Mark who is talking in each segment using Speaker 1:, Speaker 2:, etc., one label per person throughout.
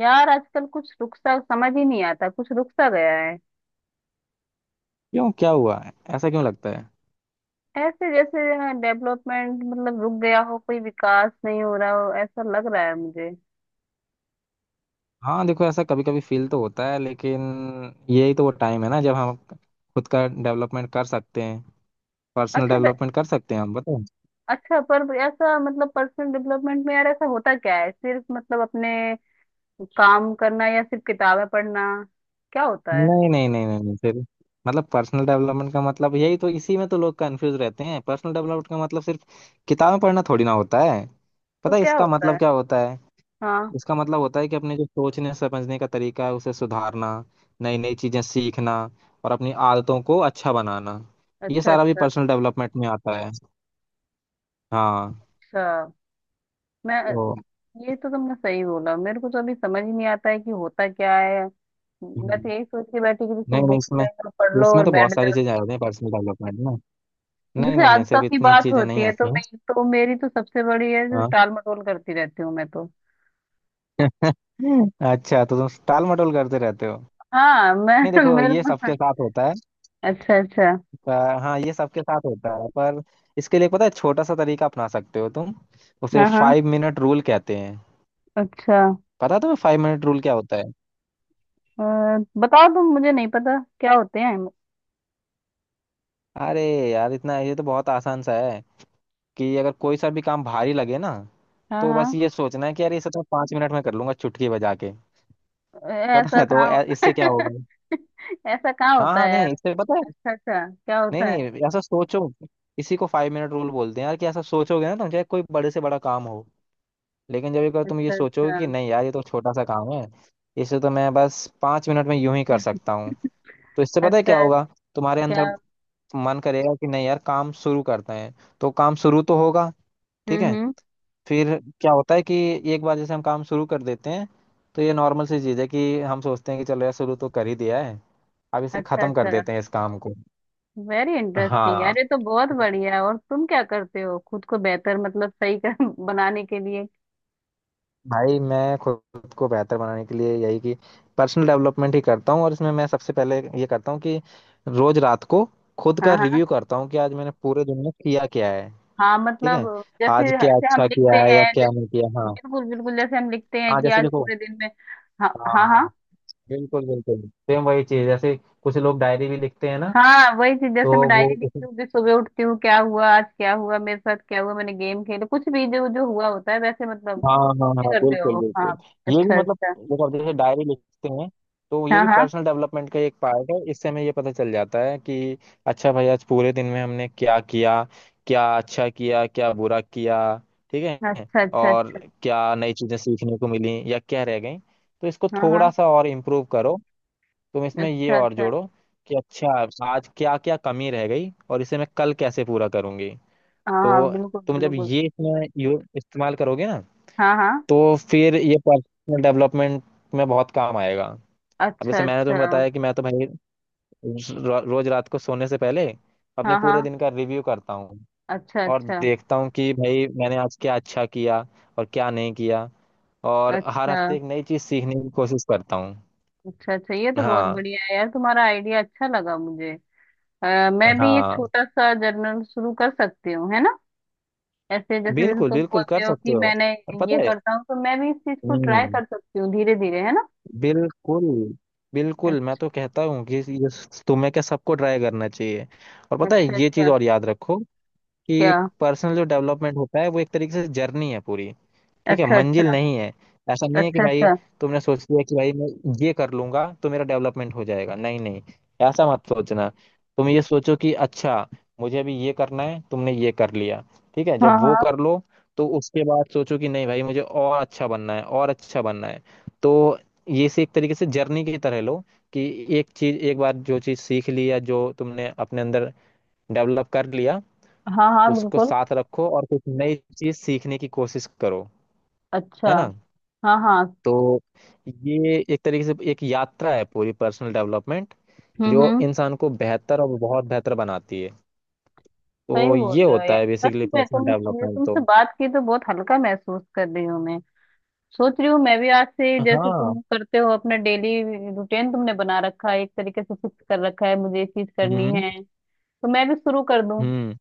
Speaker 1: यार आजकल कुछ रुक सा समझ ही नहीं आता, कुछ रुक सा गया है।
Speaker 2: क्यों? क्या हुआ है? ऐसा क्यों लगता है?
Speaker 1: ऐसे जैसे डेवलपमेंट मतलब रुक गया हो, कोई विकास नहीं हो रहा हो, ऐसा लग रहा है मुझे।
Speaker 2: हाँ, देखो, ऐसा कभी कभी फील तो होता है, लेकिन यही तो वो टाइम है ना जब हम खुद का डेवलपमेंट कर सकते हैं, पर्सनल
Speaker 1: अच्छा ब-
Speaker 2: डेवलपमेंट कर सकते हैं हम। बताओ।
Speaker 1: अच्छा, पर ऐसा मतलब पर्सनल डेवलपमेंट में यार ऐसा होता क्या है? सिर्फ मतलब अपने काम करना या सिर्फ किताबें पढ़ना? क्या होता है?
Speaker 2: नहीं, नहीं, नहीं, नहीं, नहीं, फिर मतलब पर्सनल डेवलपमेंट का मतलब यही, तो इसी में तो लोग कंफ्यूज रहते हैं। पर्सनल डेवलपमेंट का मतलब सिर्फ किताबें पढ़ना थोड़ी ना होता है।
Speaker 1: तो
Speaker 2: पता है
Speaker 1: क्या
Speaker 2: इसका
Speaker 1: होता है?
Speaker 2: मतलब क्या होता है?
Speaker 1: हाँ।
Speaker 2: इसका मतलब होता है कि अपने जो सोचने समझने का तरीका है उसे सुधारना, नई नई चीजें सीखना, और अपनी आदतों को अच्छा बनाना। ये
Speaker 1: अच्छा
Speaker 2: सारा भी
Speaker 1: अच्छा
Speaker 2: पर्सनल डेवलपमेंट में आता है। हाँ,
Speaker 1: अच्छा। मैं
Speaker 2: तो
Speaker 1: ये तो तुमने सही बोला, मेरे को तो अभी समझ ही नहीं आता है कि होता क्या है। मैं तो
Speaker 2: हम्म,
Speaker 1: यही सोच के बैठी कि
Speaker 2: नहीं,
Speaker 1: सिर्फ
Speaker 2: नहीं,
Speaker 1: बुक्स
Speaker 2: इसमें
Speaker 1: रहेगा, पढ़ लो
Speaker 2: इसमें
Speaker 1: और
Speaker 2: तो बहुत
Speaker 1: बैठ
Speaker 2: सारी
Speaker 1: जाओ।
Speaker 2: चीजें आ जाती हैं पर्सनल डेवलपमेंट में। नहीं,
Speaker 1: जैसे
Speaker 2: नहीं, नहीं,
Speaker 1: आदतों
Speaker 2: सिर्फ
Speaker 1: की
Speaker 2: इतनी
Speaker 1: बात
Speaker 2: चीजें
Speaker 1: होती
Speaker 2: नहीं
Speaker 1: है तो
Speaker 2: आती हैं।
Speaker 1: मैं तो मेरी तो सबसे बड़ी है जो
Speaker 2: हाँ।
Speaker 1: टाल मटोल करती रहती हूँ मैं तो।
Speaker 2: अच्छा, तो तुम टाल मटोल करते रहते हो?
Speaker 1: हाँ
Speaker 2: नहीं,
Speaker 1: मैं
Speaker 2: देखो,
Speaker 1: मेरे।
Speaker 2: ये सबके साथ होता है।
Speaker 1: अच्छा अच्छा।
Speaker 2: अ, हाँ, ये सबके साथ होता है, पर इसके लिए पता है छोटा सा तरीका अपना सकते हो तुम। उसे
Speaker 1: हाँ हाँ।
Speaker 2: फाइव मिनट रूल कहते हैं।
Speaker 1: अच्छा।
Speaker 2: पता तुम्हें फाइव मिनट रूल क्या होता है?
Speaker 1: अ, बताओ तुम, मुझे नहीं पता क्या होते हैं।
Speaker 2: अरे यार, इतना ये तो बहुत आसान सा है कि अगर कोई सा भी काम भारी लगे ना,
Speaker 1: हाँ
Speaker 2: तो बस
Speaker 1: हाँ।
Speaker 2: ये सोचना है कि यार ये सब तो पांच मिनट में कर लूंगा चुटकी बजा के। पता
Speaker 1: ऐसा
Speaker 2: है, तो
Speaker 1: कहाँ होता
Speaker 2: इससे क्या
Speaker 1: है?
Speaker 2: होगा?
Speaker 1: ऐसा कहाँ
Speaker 2: हाँ,
Speaker 1: होता
Speaker 2: हाँ,
Speaker 1: है यार?
Speaker 2: नहीं, इससे पता है,
Speaker 1: अच्छा अच्छा, क्या
Speaker 2: नहीं,
Speaker 1: होता है?
Speaker 2: नहीं, ऐसा सोचो। इसी को फाइव मिनट रूल बोलते हैं यार, कि ऐसा सोचोगे ना तुम, चाहे कोई बड़े से बड़ा काम हो, लेकिन जब एक बार तुम ये
Speaker 1: अच्छा
Speaker 2: सोचोगे
Speaker 1: अच्छा
Speaker 2: कि नहीं यार ये तो छोटा सा काम है, इसे तो मैं बस पांच मिनट में यूं ही कर सकता हूँ, तो इससे पता है
Speaker 1: अच्छा।
Speaker 2: क्या होगा? तुम्हारे
Speaker 1: क्या?
Speaker 2: अंदर मन करेगा कि नहीं यार काम शुरू करते हैं। तो काम शुरू तो होगा, ठीक है।
Speaker 1: हम्म।
Speaker 2: फिर क्या होता है कि एक बार जैसे हम काम शुरू कर देते हैं, तो ये नॉर्मल सी चीज़ है कि हम सोचते हैं कि चलो यार शुरू तो कर ही दिया है, अब इसे
Speaker 1: अच्छा
Speaker 2: खत्म कर
Speaker 1: अच्छा।
Speaker 2: देते हैं इस काम को।
Speaker 1: वेरी इंटरेस्टिंग
Speaker 2: हाँ,
Speaker 1: यार, ये तो बहुत
Speaker 2: तो
Speaker 1: बढ़िया है। और तुम क्या करते हो खुद को बेहतर मतलब सही कर बनाने के लिए?
Speaker 2: भाई मैं खुद को बेहतर बनाने के लिए यही कि पर्सनल डेवलपमेंट ही करता हूँ, और इसमें मैं सबसे पहले ये करता हूँ कि रोज रात को खुद का
Speaker 1: हाँ हाँ।
Speaker 2: रिव्यू करता हूँ कि आज मैंने पूरे दिन में किया क्या है,
Speaker 1: हाँ
Speaker 2: ठीक
Speaker 1: मतलब
Speaker 2: है। आज
Speaker 1: जैसे
Speaker 2: क्या
Speaker 1: जैसे हम
Speaker 2: अच्छा
Speaker 1: लिखते
Speaker 2: किया है या
Speaker 1: हैं,
Speaker 2: क्या
Speaker 1: जैसे,
Speaker 2: नहीं किया। हाँ,
Speaker 1: बिल्कुल बिल्कुल जैसे हम लिखते हैं
Speaker 2: हाँ,
Speaker 1: कि
Speaker 2: जैसे
Speaker 1: आज
Speaker 2: देखो,
Speaker 1: पूरे दिन में। हाँ
Speaker 2: हाँ,
Speaker 1: हाँ हाँ।
Speaker 2: हाँ, बिल्कुल, बिल्कुल, सेम वही चीज, जैसे कुछ लोग डायरी भी लिखते हैं ना।
Speaker 1: हाँ वही चीज
Speaker 2: तो
Speaker 1: जैसे मैं
Speaker 2: वो,
Speaker 1: डायरी लिखती हूँ, फिर सुबह उठती हूँ, क्या हुआ आज, क्या हुआ मेरे साथ, क्या हुआ, मैंने गेम खेला, कुछ भी जो जो हुआ होता है, वैसे मतलब
Speaker 2: हाँ, हाँ,
Speaker 1: कुछ भी
Speaker 2: हाँ,
Speaker 1: करते
Speaker 2: बिल्कुल,
Speaker 1: हो। हाँ।
Speaker 2: बिल्कुल, ये भी,
Speaker 1: अच्छा
Speaker 2: मतलब,
Speaker 1: अच्छा।
Speaker 2: देखो अब जैसे डायरी लिखते हैं, तो ये
Speaker 1: हाँ
Speaker 2: भी
Speaker 1: हाँ।
Speaker 2: पर्सनल डेवलपमेंट का एक पार्ट है। इससे हमें ये पता चल जाता है कि अच्छा भाई, आज पूरे दिन में हमने क्या किया, क्या अच्छा किया, क्या बुरा किया, ठीक है।
Speaker 1: अच्छा अच्छा
Speaker 2: और
Speaker 1: अच्छा।
Speaker 2: क्या नई चीजें सीखने को मिली या क्या रह गई? तो इसको
Speaker 1: हाँ हाँ।
Speaker 2: थोड़ा सा और इम्प्रूव करो, तुम इसमें ये
Speaker 1: अच्छा
Speaker 2: और
Speaker 1: अच्छा।
Speaker 2: जोड़ो कि अच्छा, आज क्या क्या कमी रह गई, और इसे मैं कल कैसे पूरा करूंगी।
Speaker 1: हाँ हाँ
Speaker 2: तो
Speaker 1: बिल्कुल
Speaker 2: तुम जब
Speaker 1: बिल्कुल।
Speaker 2: ये इसमें इस्तेमाल करोगे ना,
Speaker 1: हाँ हाँ।
Speaker 2: तो फिर ये पर्सनल डेवलपमेंट में बहुत काम आएगा। अब
Speaker 1: अच्छा
Speaker 2: जैसे मैंने
Speaker 1: अच्छा।
Speaker 2: तुम्हें बताया कि मैं तो भाई रोज रात को सोने से पहले अपने
Speaker 1: हाँ
Speaker 2: पूरे
Speaker 1: हाँ।
Speaker 2: दिन का रिव्यू करता हूँ,
Speaker 1: अच्छा
Speaker 2: और
Speaker 1: अच्छा
Speaker 2: देखता हूँ कि भाई मैंने आज क्या अच्छा किया और क्या नहीं किया, और हर
Speaker 1: अच्छा
Speaker 2: हफ्ते एक नई चीज़ सीखने की कोशिश करता हूँ।
Speaker 1: अच्छा अच्छा, ये तो बहुत
Speaker 2: हाँ,
Speaker 1: बढ़िया है यार, तुम्हारा आइडिया अच्छा लगा मुझे। मैं भी एक
Speaker 2: हाँ,
Speaker 1: छोटा सा जर्नल शुरू कर सकती हूँ, है ना? ऐसे जैसे जैसे
Speaker 2: बिल्कुल,
Speaker 1: तुम
Speaker 2: बिल्कुल,
Speaker 1: बोलते
Speaker 2: कर
Speaker 1: हो
Speaker 2: सकते
Speaker 1: कि
Speaker 2: हो।
Speaker 1: मैंने
Speaker 2: और
Speaker 1: ये
Speaker 2: पता है,
Speaker 1: करता हूँ, तो मैं भी इस चीज को ट्राई
Speaker 2: हम्म,
Speaker 1: कर सकती हूँ धीरे धीरे, है ना?
Speaker 2: बिल्कुल, बिल्कुल, मैं तो कहता हूँ कि ये तुम्हें क्या, सबको ट्राई करना चाहिए। और पता है
Speaker 1: अच्छा
Speaker 2: ये चीज
Speaker 1: अच्छा।
Speaker 2: और याद रखो, कि
Speaker 1: क्या?
Speaker 2: पर्सनल जो डेवलपमेंट होता है वो एक तरीके से जर्नी है पूरी, ठीक है,
Speaker 1: अच्छा अच्छा
Speaker 2: मंजिल नहीं है। ऐसा नहीं है कि
Speaker 1: अच्छा
Speaker 2: भाई
Speaker 1: अच्छा।
Speaker 2: तुमने सोच लिया कि भाई मैं ये कर लूंगा तो मेरा डेवलपमेंट हो जाएगा। नहीं, नहीं, ऐसा मत सोचना। तुम ये सोचो कि अच्छा, मुझे अभी ये करना है, तुमने ये कर लिया, ठीक है।
Speaker 1: हाँ
Speaker 2: जब वो
Speaker 1: हाँ
Speaker 2: कर लो तो उसके बाद सोचो कि नहीं भाई, मुझे और अच्छा बनना है, और अच्छा बनना है। तो ये से एक तरीके से जर्नी की तरह लो कि एक चीज एक बार जो चीज सीख ली, या जो तुमने अपने अंदर डेवलप कर लिया,
Speaker 1: हाँ हाँ
Speaker 2: उसको
Speaker 1: बिल्कुल।
Speaker 2: साथ रखो और कुछ नई चीज सीखने की कोशिश करो,
Speaker 1: अच्छा।
Speaker 2: है ना।
Speaker 1: हाँ हाँ।
Speaker 2: तो ये एक तरीके से एक यात्रा है पूरी पर्सनल डेवलपमेंट, जो
Speaker 1: हम्म।
Speaker 2: इंसान को बेहतर और बहुत बेहतर बनाती है।
Speaker 1: सही
Speaker 2: तो ये
Speaker 1: बोल रहे हो
Speaker 2: होता है
Speaker 1: यार,
Speaker 2: बेसिकली
Speaker 1: सच में तुम,
Speaker 2: पर्सनल
Speaker 1: मुझे
Speaker 2: डेवलपमेंट। तो
Speaker 1: तुमसे बात की तो बहुत हल्का महसूस कर रही हूँ मैं। सोच रही हूँ मैं भी आज से जैसे तुम
Speaker 2: हाँ,
Speaker 1: करते हो अपना डेली रूटीन तुमने बना रखा है एक तरीके से, फिक्स कर रखा है मुझे ये चीज करनी
Speaker 2: हम्म,
Speaker 1: है, तो मैं भी शुरू कर दूँ।
Speaker 2: हम्म,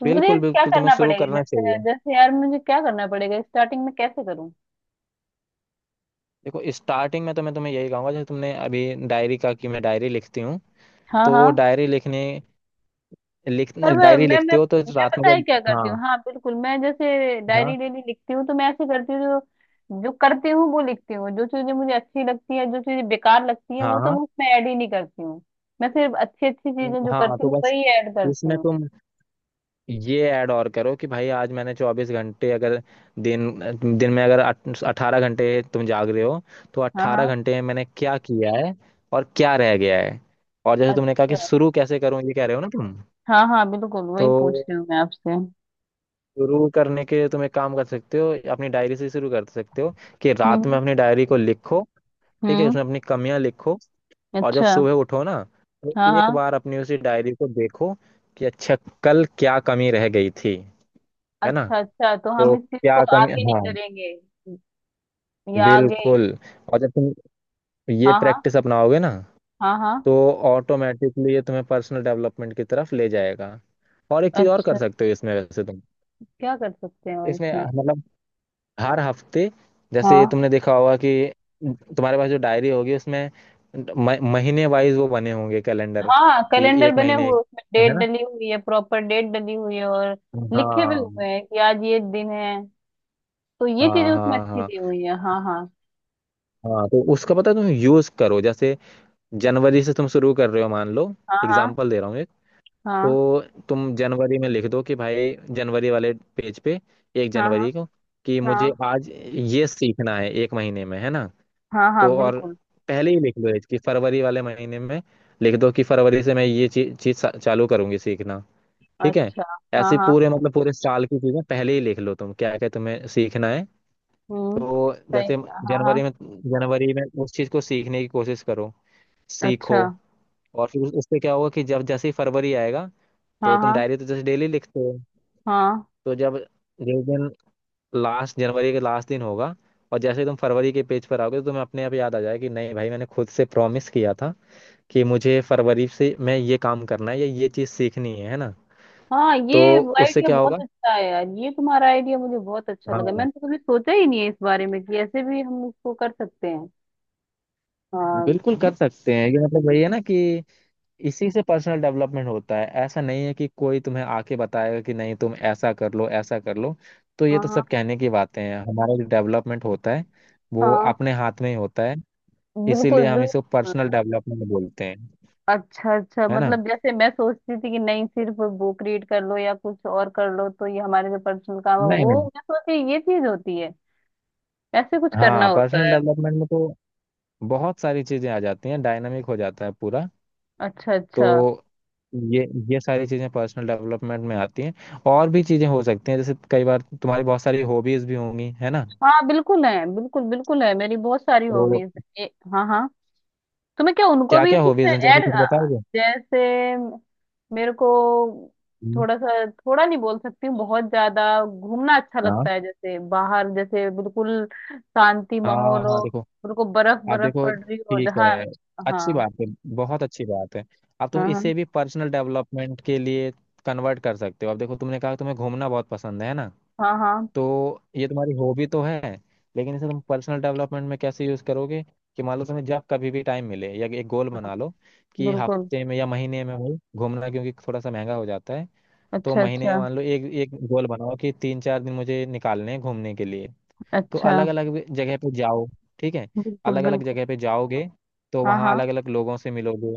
Speaker 1: तो मुझे
Speaker 2: बिल्कुल,
Speaker 1: क्या
Speaker 2: बिल्कुल, तुम्हें
Speaker 1: करना
Speaker 2: शुरू
Speaker 1: पड़ेगा
Speaker 2: करना
Speaker 1: जैसे
Speaker 2: चाहिए।
Speaker 1: जैसे यार, मुझे क्या करना पड़ेगा स्टार्टिंग में, कैसे करूँ?
Speaker 2: देखो, स्टार्टिंग में तो मैं तुम्हें यही कहूंगा जैसे तुमने अभी डायरी का कि मैं डायरी लिखती हूँ।
Speaker 1: हाँ
Speaker 2: तो
Speaker 1: हाँ।
Speaker 2: डायरी लिखने
Speaker 1: पर मैं
Speaker 2: डायरी
Speaker 1: मैं मैं
Speaker 2: लिखते हो तो
Speaker 1: मैं
Speaker 2: रात में
Speaker 1: पता है
Speaker 2: जब,
Speaker 1: क्या करती
Speaker 2: हाँ,
Speaker 1: हूँ? हाँ बिल्कुल, मैं जैसे
Speaker 2: हाँ,
Speaker 1: डायरी डेली लिखती हूँ तो मैं ऐसे करती हूँ, जो जो करती हूँ वो लिखती हूँ, जो चीजें मुझे अच्छी लगती है, जो चीजें बेकार लगती है वो तो
Speaker 2: हाँ,
Speaker 1: मैं उसमें ऐड ही नहीं करती हूँ। मैं सिर्फ अच्छी अच्छी चीजें जो
Speaker 2: हाँ, हाँ,
Speaker 1: करती
Speaker 2: तो
Speaker 1: हूँ
Speaker 2: बस
Speaker 1: वही ऐड करती
Speaker 2: इसमें
Speaker 1: हूँ।
Speaker 2: तुम ये ऐड और करो कि भाई, आज मैंने चौबीस घंटे अगर, दिन दिन में अगर अठारह घंटे तुम जाग रहे हो, तो
Speaker 1: हाँ
Speaker 2: अट्ठारह
Speaker 1: हाँ।
Speaker 2: घंटे में मैंने क्या किया है, और क्या रह गया है। और जैसे तुमने कहा कि
Speaker 1: अच्छा।
Speaker 2: शुरू कैसे करूं, ये कह रहे हो ना तुम।
Speaker 1: हाँ हाँ बिल्कुल वही
Speaker 2: तो
Speaker 1: पूछ रही हूँ मैं आपसे।
Speaker 2: शुरू करने के लिए तुम एक काम कर सकते हो, अपनी डायरी से शुरू कर सकते हो, कि रात में
Speaker 1: हम्म
Speaker 2: अपनी डायरी को लिखो, ठीक है,
Speaker 1: हम्म।
Speaker 2: उसमें अपनी कमियां लिखो। और जब
Speaker 1: अच्छा।
Speaker 2: सुबह उठो ना, तो
Speaker 1: हाँ
Speaker 2: एक
Speaker 1: हाँ।
Speaker 2: बार अपनी उसी डायरी को देखो कि अच्छा, कल क्या कमी रह गई थी, है ना?
Speaker 1: अच्छा अच्छा, तो हम
Speaker 2: तो
Speaker 1: इस चीज को
Speaker 2: क्या कमी,
Speaker 1: आगे नहीं
Speaker 2: हाँ,
Speaker 1: करेंगे या आगे?
Speaker 2: बिल्कुल। और जब तुम ये
Speaker 1: हाँ हाँ
Speaker 2: प्रैक्टिस अपनाओगे ना,
Speaker 1: हाँ हाँ।
Speaker 2: तो ऑटोमेटिकली ये तुम्हें पर्सनल डेवलपमेंट की तरफ ले जाएगा। और एक चीज और कर
Speaker 1: अच्छा।
Speaker 2: सकते हो इसमें वैसे तुम,
Speaker 1: क्या कर सकते हैं और
Speaker 2: इसमें,
Speaker 1: इसमें?
Speaker 2: मतलब, हर हफ्ते, जैसे
Speaker 1: हाँ
Speaker 2: तुमने देखा होगा कि तुम्हारे पास जो डायरी होगी उसमें महीने वाइज वो बने होंगे कैलेंडर,
Speaker 1: हाँ
Speaker 2: कि
Speaker 1: कैलेंडर
Speaker 2: एक
Speaker 1: बने
Speaker 2: महीने,
Speaker 1: हुए उसमें, डेट
Speaker 2: है ना?
Speaker 1: डली हुई है, प्रॉपर डेट डली हुई है, और लिखे भी
Speaker 2: हाँ,
Speaker 1: हुए हैं कि आज ये दिन है, तो ये चीजें
Speaker 2: हाँ,
Speaker 1: उसमें
Speaker 2: हाँ,
Speaker 1: अच्छी
Speaker 2: हाँ,
Speaker 1: दी हुई है। हाँ हाँ।
Speaker 2: हाँ, तो उसका पता है, तुम यूज करो। जैसे जनवरी से तुम शुरू कर रहे हो, मान लो,
Speaker 1: हाँ
Speaker 2: एग्जाम्पल दे रहा हूँ।
Speaker 1: हाँ
Speaker 2: तो तुम जनवरी में लिख दो कि भाई जनवरी वाले पेज पे, एक
Speaker 1: हाँ। हाँ
Speaker 2: जनवरी को कि
Speaker 1: हाँ हाँ
Speaker 2: मुझे आज ये सीखना है एक महीने में, है ना?
Speaker 1: हाँ हाँ
Speaker 2: तो, और
Speaker 1: बिल्कुल।
Speaker 2: पहले ही लिख लो कि फरवरी वाले महीने में लिख दो कि फरवरी से मैं ये चीज चीज चालू करूंगी सीखना, ठीक है।
Speaker 1: अच्छा। हाँ
Speaker 2: ऐसे
Speaker 1: हाँ।
Speaker 2: पूरे, मतलब, पूरे साल की चीजें पहले ही लिख लो, तुम क्या क्या तुम्हें सीखना है।
Speaker 1: हम्म।
Speaker 2: तो
Speaker 1: सही।
Speaker 2: जैसे
Speaker 1: हाँ
Speaker 2: जनवरी
Speaker 1: हाँ।
Speaker 2: में जनवरी में उस चीज को सीखने की कोशिश करो,
Speaker 1: अच्छा।
Speaker 2: सीखो। और फिर उससे क्या होगा कि जब, जैसे ही फरवरी आएगा,
Speaker 1: हाँ
Speaker 2: तो तुम
Speaker 1: हाँ
Speaker 2: डायरी तो जैसे डेली लिखते हो,
Speaker 1: हाँ
Speaker 2: तो जब जिस दिन, लास्ट जनवरी के लास्ट दिन होगा, और जैसे ही तुम फरवरी के पेज पर आओगे, तो तुम्हें अपने आप याद आ जाएगा कि नहीं भाई, मैंने खुद से प्रॉमिस किया था कि मुझे फरवरी से मैं ये काम करना है, या ये चीज़ सीखनी है ना।
Speaker 1: हाँ ये
Speaker 2: तो उससे
Speaker 1: आइडिया
Speaker 2: क्या
Speaker 1: बहुत
Speaker 2: होगा?
Speaker 1: अच्छा है यार, ये तुम्हारा आइडिया मुझे बहुत अच्छा लगा,
Speaker 2: हाँ,
Speaker 1: मैंने तो कभी सोचा ही नहीं है इस बारे में कि ऐसे भी हम इसको कर सकते हैं। हाँ
Speaker 2: बिल्कुल कर सकते हैं, ये, मतलब, वही है ना कि इसी से पर्सनल डेवलपमेंट होता है। ऐसा नहीं है कि कोई तुम्हें आके बताएगा कि नहीं तुम ऐसा कर लो, ऐसा कर लो। तो ये
Speaker 1: हाँ।
Speaker 2: तो
Speaker 1: हाँ
Speaker 2: सब कहने की बातें हैं, हमारा जो डेवलपमेंट होता है वो
Speaker 1: हाँ
Speaker 2: अपने हाथ में ही होता है।
Speaker 1: बिल्कुल
Speaker 2: इसीलिए हम इसे
Speaker 1: बिल्कुल।
Speaker 2: पर्सनल डेवलपमेंट बोलते हैं,
Speaker 1: अच्छा अच्छा
Speaker 2: है ना।
Speaker 1: मतलब जैसे मैं सोचती थी कि नहीं सिर्फ बुक रीड कर लो या कुछ और कर लो तो ये हमारे जो पर्सनल काम है
Speaker 2: नहीं,
Speaker 1: वो
Speaker 2: नहीं,
Speaker 1: मैं सोची ये चीज होती है, ऐसे कुछ करना
Speaker 2: हाँ,
Speaker 1: होता
Speaker 2: पर्सनल
Speaker 1: है।
Speaker 2: डेवलपमेंट में तो बहुत सारी चीजें आ जाती हैं, डायनामिक हो जाता है पूरा।
Speaker 1: अच्छा अच्छा।
Speaker 2: तो ये ये सारी चीजें पर्सनल डेवलपमेंट में आती हैं, और भी चीजें हो सकती हैं, जैसे कई बार तुम्हारी बहुत सारी हॉबीज भी होंगी, है ना?
Speaker 1: हाँ बिल्कुल है, बिल्कुल बिल्कुल है, मेरी बहुत सारी
Speaker 2: तो
Speaker 1: हॉबीज है हाँ हाँ। तो मैं क्या उनको
Speaker 2: क्या
Speaker 1: भी
Speaker 2: क्या
Speaker 1: इसमें
Speaker 2: हॉबीज हैं, जैसे
Speaker 1: ऐड?
Speaker 2: कुछ बताओगे?
Speaker 1: जैसे मेरे को
Speaker 2: हम्म,
Speaker 1: थोड़ा सा थोड़ा नहीं बोल सकती हूँ, बहुत ज्यादा घूमना अच्छा
Speaker 2: हाँ,
Speaker 1: लगता है, जैसे बाहर, जैसे बिल्कुल शांति
Speaker 2: हाँ,
Speaker 1: माहौल
Speaker 2: हाँ,
Speaker 1: हो,
Speaker 2: देखो,
Speaker 1: बिल्कुल बर्फ
Speaker 2: आप
Speaker 1: बर्फ
Speaker 2: देखो,
Speaker 1: पड़ रही हो
Speaker 2: ठीक
Speaker 1: जहाँ।
Speaker 2: है, अच्छी
Speaker 1: हाँ
Speaker 2: बात है, बहुत अच्छी बात है। अब तुम
Speaker 1: हाँ हाँ
Speaker 2: इसे भी पर्सनल डेवलपमेंट के लिए कन्वर्ट कर सकते हो। अब देखो, तुमने कहा तुम्हें घूमना बहुत पसंद है ना,
Speaker 1: हाँ हाँ
Speaker 2: तो ये तुम्हारी हॉबी तो है, लेकिन इसे तुम पर्सनल डेवलपमेंट में कैसे यूज करोगे? कि मान लो, तुम्हें जब कभी भी टाइम मिले, या एक गोल बना लो कि
Speaker 1: बिल्कुल।
Speaker 2: हफ्ते में या महीने में, भाई, घूमना क्योंकि थोड़ा सा महंगा हो जाता है, तो
Speaker 1: अच्छा
Speaker 2: महीने में
Speaker 1: अच्छा
Speaker 2: मान लो एक एक गोल बनाओ कि तीन चार दिन मुझे निकालने हैं घूमने के लिए। तो
Speaker 1: अच्छा।
Speaker 2: अलग अलग जगह पे जाओ, ठीक है।
Speaker 1: बिल्कुल
Speaker 2: अलग अलग
Speaker 1: बिल्कुल।
Speaker 2: जगह पे जाओगे तो
Speaker 1: हाँ
Speaker 2: वहाँ
Speaker 1: हाँ
Speaker 2: अलग अलग लोगों से मिलोगे,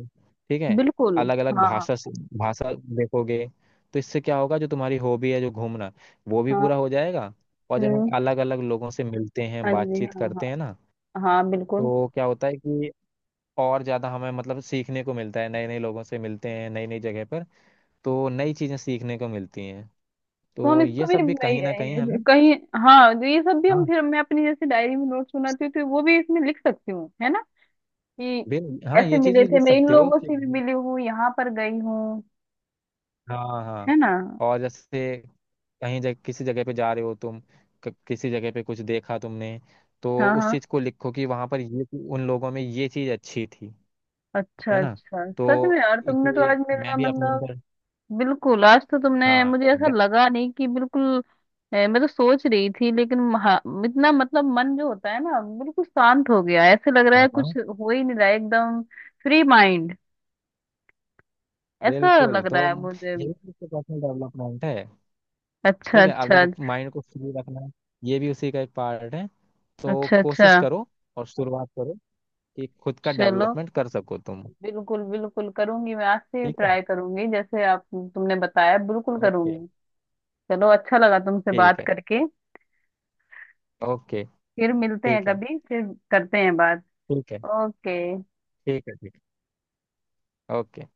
Speaker 2: ठीक है,
Speaker 1: बिल्कुल।
Speaker 2: अलग अलग
Speaker 1: हाँ हाँ
Speaker 2: भाषा से भाषा देखोगे। तो इससे क्या होगा? जो तुम्हारी हॉबी है, जो घूमना, वो भी
Speaker 1: हाँ।
Speaker 2: पूरा हो जाएगा। और जब हम
Speaker 1: हम्म।
Speaker 2: अलग अलग लोगों से मिलते हैं,
Speaker 1: हाँ जी
Speaker 2: बातचीत
Speaker 1: हाँ।
Speaker 2: करते हैं ना,
Speaker 1: हाँ बिल्कुल।
Speaker 2: तो क्या होता है कि और ज़्यादा हमें, मतलब, सीखने को मिलता है, नए नए लोगों से मिलते हैं, नई नई जगह पर, तो नई चीज़ें सीखने को मिलती हैं।
Speaker 1: तो हम
Speaker 2: तो
Speaker 1: इसको
Speaker 2: ये
Speaker 1: भी
Speaker 2: सब भी कहीं ना कहीं हमें,
Speaker 1: नहीं- कहीं। हाँ तो ये सब भी हम
Speaker 2: हाँ,
Speaker 1: फिर मैं अपनी जैसे डायरी में नोट्स बनाती हूँ तो वो भी इसमें लिख सकती हूँ, है ना? कि
Speaker 2: बिल हाँ,
Speaker 1: ऐसे
Speaker 2: ये चीज़
Speaker 1: मिले
Speaker 2: भी
Speaker 1: थे,
Speaker 2: लिख
Speaker 1: मैं इन
Speaker 2: सकते हो
Speaker 1: लोगों
Speaker 2: कि,
Speaker 1: से भी मिली हूँ, यहाँ पर गई हूँ,
Speaker 2: हाँ, हाँ।
Speaker 1: है ना?
Speaker 2: और जैसे कहीं जगह किसी जगह पे जा रहे हो तुम, किसी जगह पे कुछ देखा तुमने, तो
Speaker 1: हाँ
Speaker 2: उस
Speaker 1: हाँ।
Speaker 2: चीज को लिखो कि वहां पर ये, उन लोगों में ये चीज अच्छी थी,
Speaker 1: अच्छा
Speaker 2: है ना।
Speaker 1: अच्छा,
Speaker 2: तो
Speaker 1: सच में यार तुमने तो
Speaker 2: इसे
Speaker 1: आज मेरा
Speaker 2: मैं भी अपने
Speaker 1: मतलब,
Speaker 2: अंदर,
Speaker 1: बिल्कुल आज तो तुमने
Speaker 2: हाँ,
Speaker 1: मुझे, ऐसा लगा नहीं कि बिल्कुल मैं तो सोच रही थी लेकिन इतना मतलब मन जो होता है ना, बिल्कुल शांत हो गया, ऐसे लग रहा है
Speaker 2: हाँ, हाँ,
Speaker 1: कुछ हो ही नहीं रहा है, एकदम फ्री माइंड, ऐसा
Speaker 2: बिल्कुल,
Speaker 1: लग
Speaker 2: तो
Speaker 1: रहा है मुझे।
Speaker 2: ये भी उसका पर्सनल डेवलपमेंट है,
Speaker 1: अच्छा
Speaker 2: ठीक है। आप
Speaker 1: अच्छा
Speaker 2: देखो, माइंड को फ्री रखना, ये भी उसी का एक पार्ट है। तो
Speaker 1: अच्छा अच्छा।
Speaker 2: कोशिश करो और शुरुआत करो कि खुद का
Speaker 1: चलो,
Speaker 2: डेवलपमेंट कर सको तुम,
Speaker 1: बिल्कुल बिल्कुल करूंगी, मैं आज से ही
Speaker 2: ठीक है,
Speaker 1: ट्राई करूंगी जैसे आप तुमने बताया, बिल्कुल
Speaker 2: ओके,
Speaker 1: करूंगी। चलो, अच्छा लगा तुमसे
Speaker 2: ठीक
Speaker 1: बात
Speaker 2: है,
Speaker 1: करके।
Speaker 2: ओके,
Speaker 1: फिर मिलते हैं
Speaker 2: ठीक है,
Speaker 1: कभी फिर, करते हैं बात।
Speaker 2: ठीक है,
Speaker 1: ओके।
Speaker 2: ठीक है, ठीक है, ओके।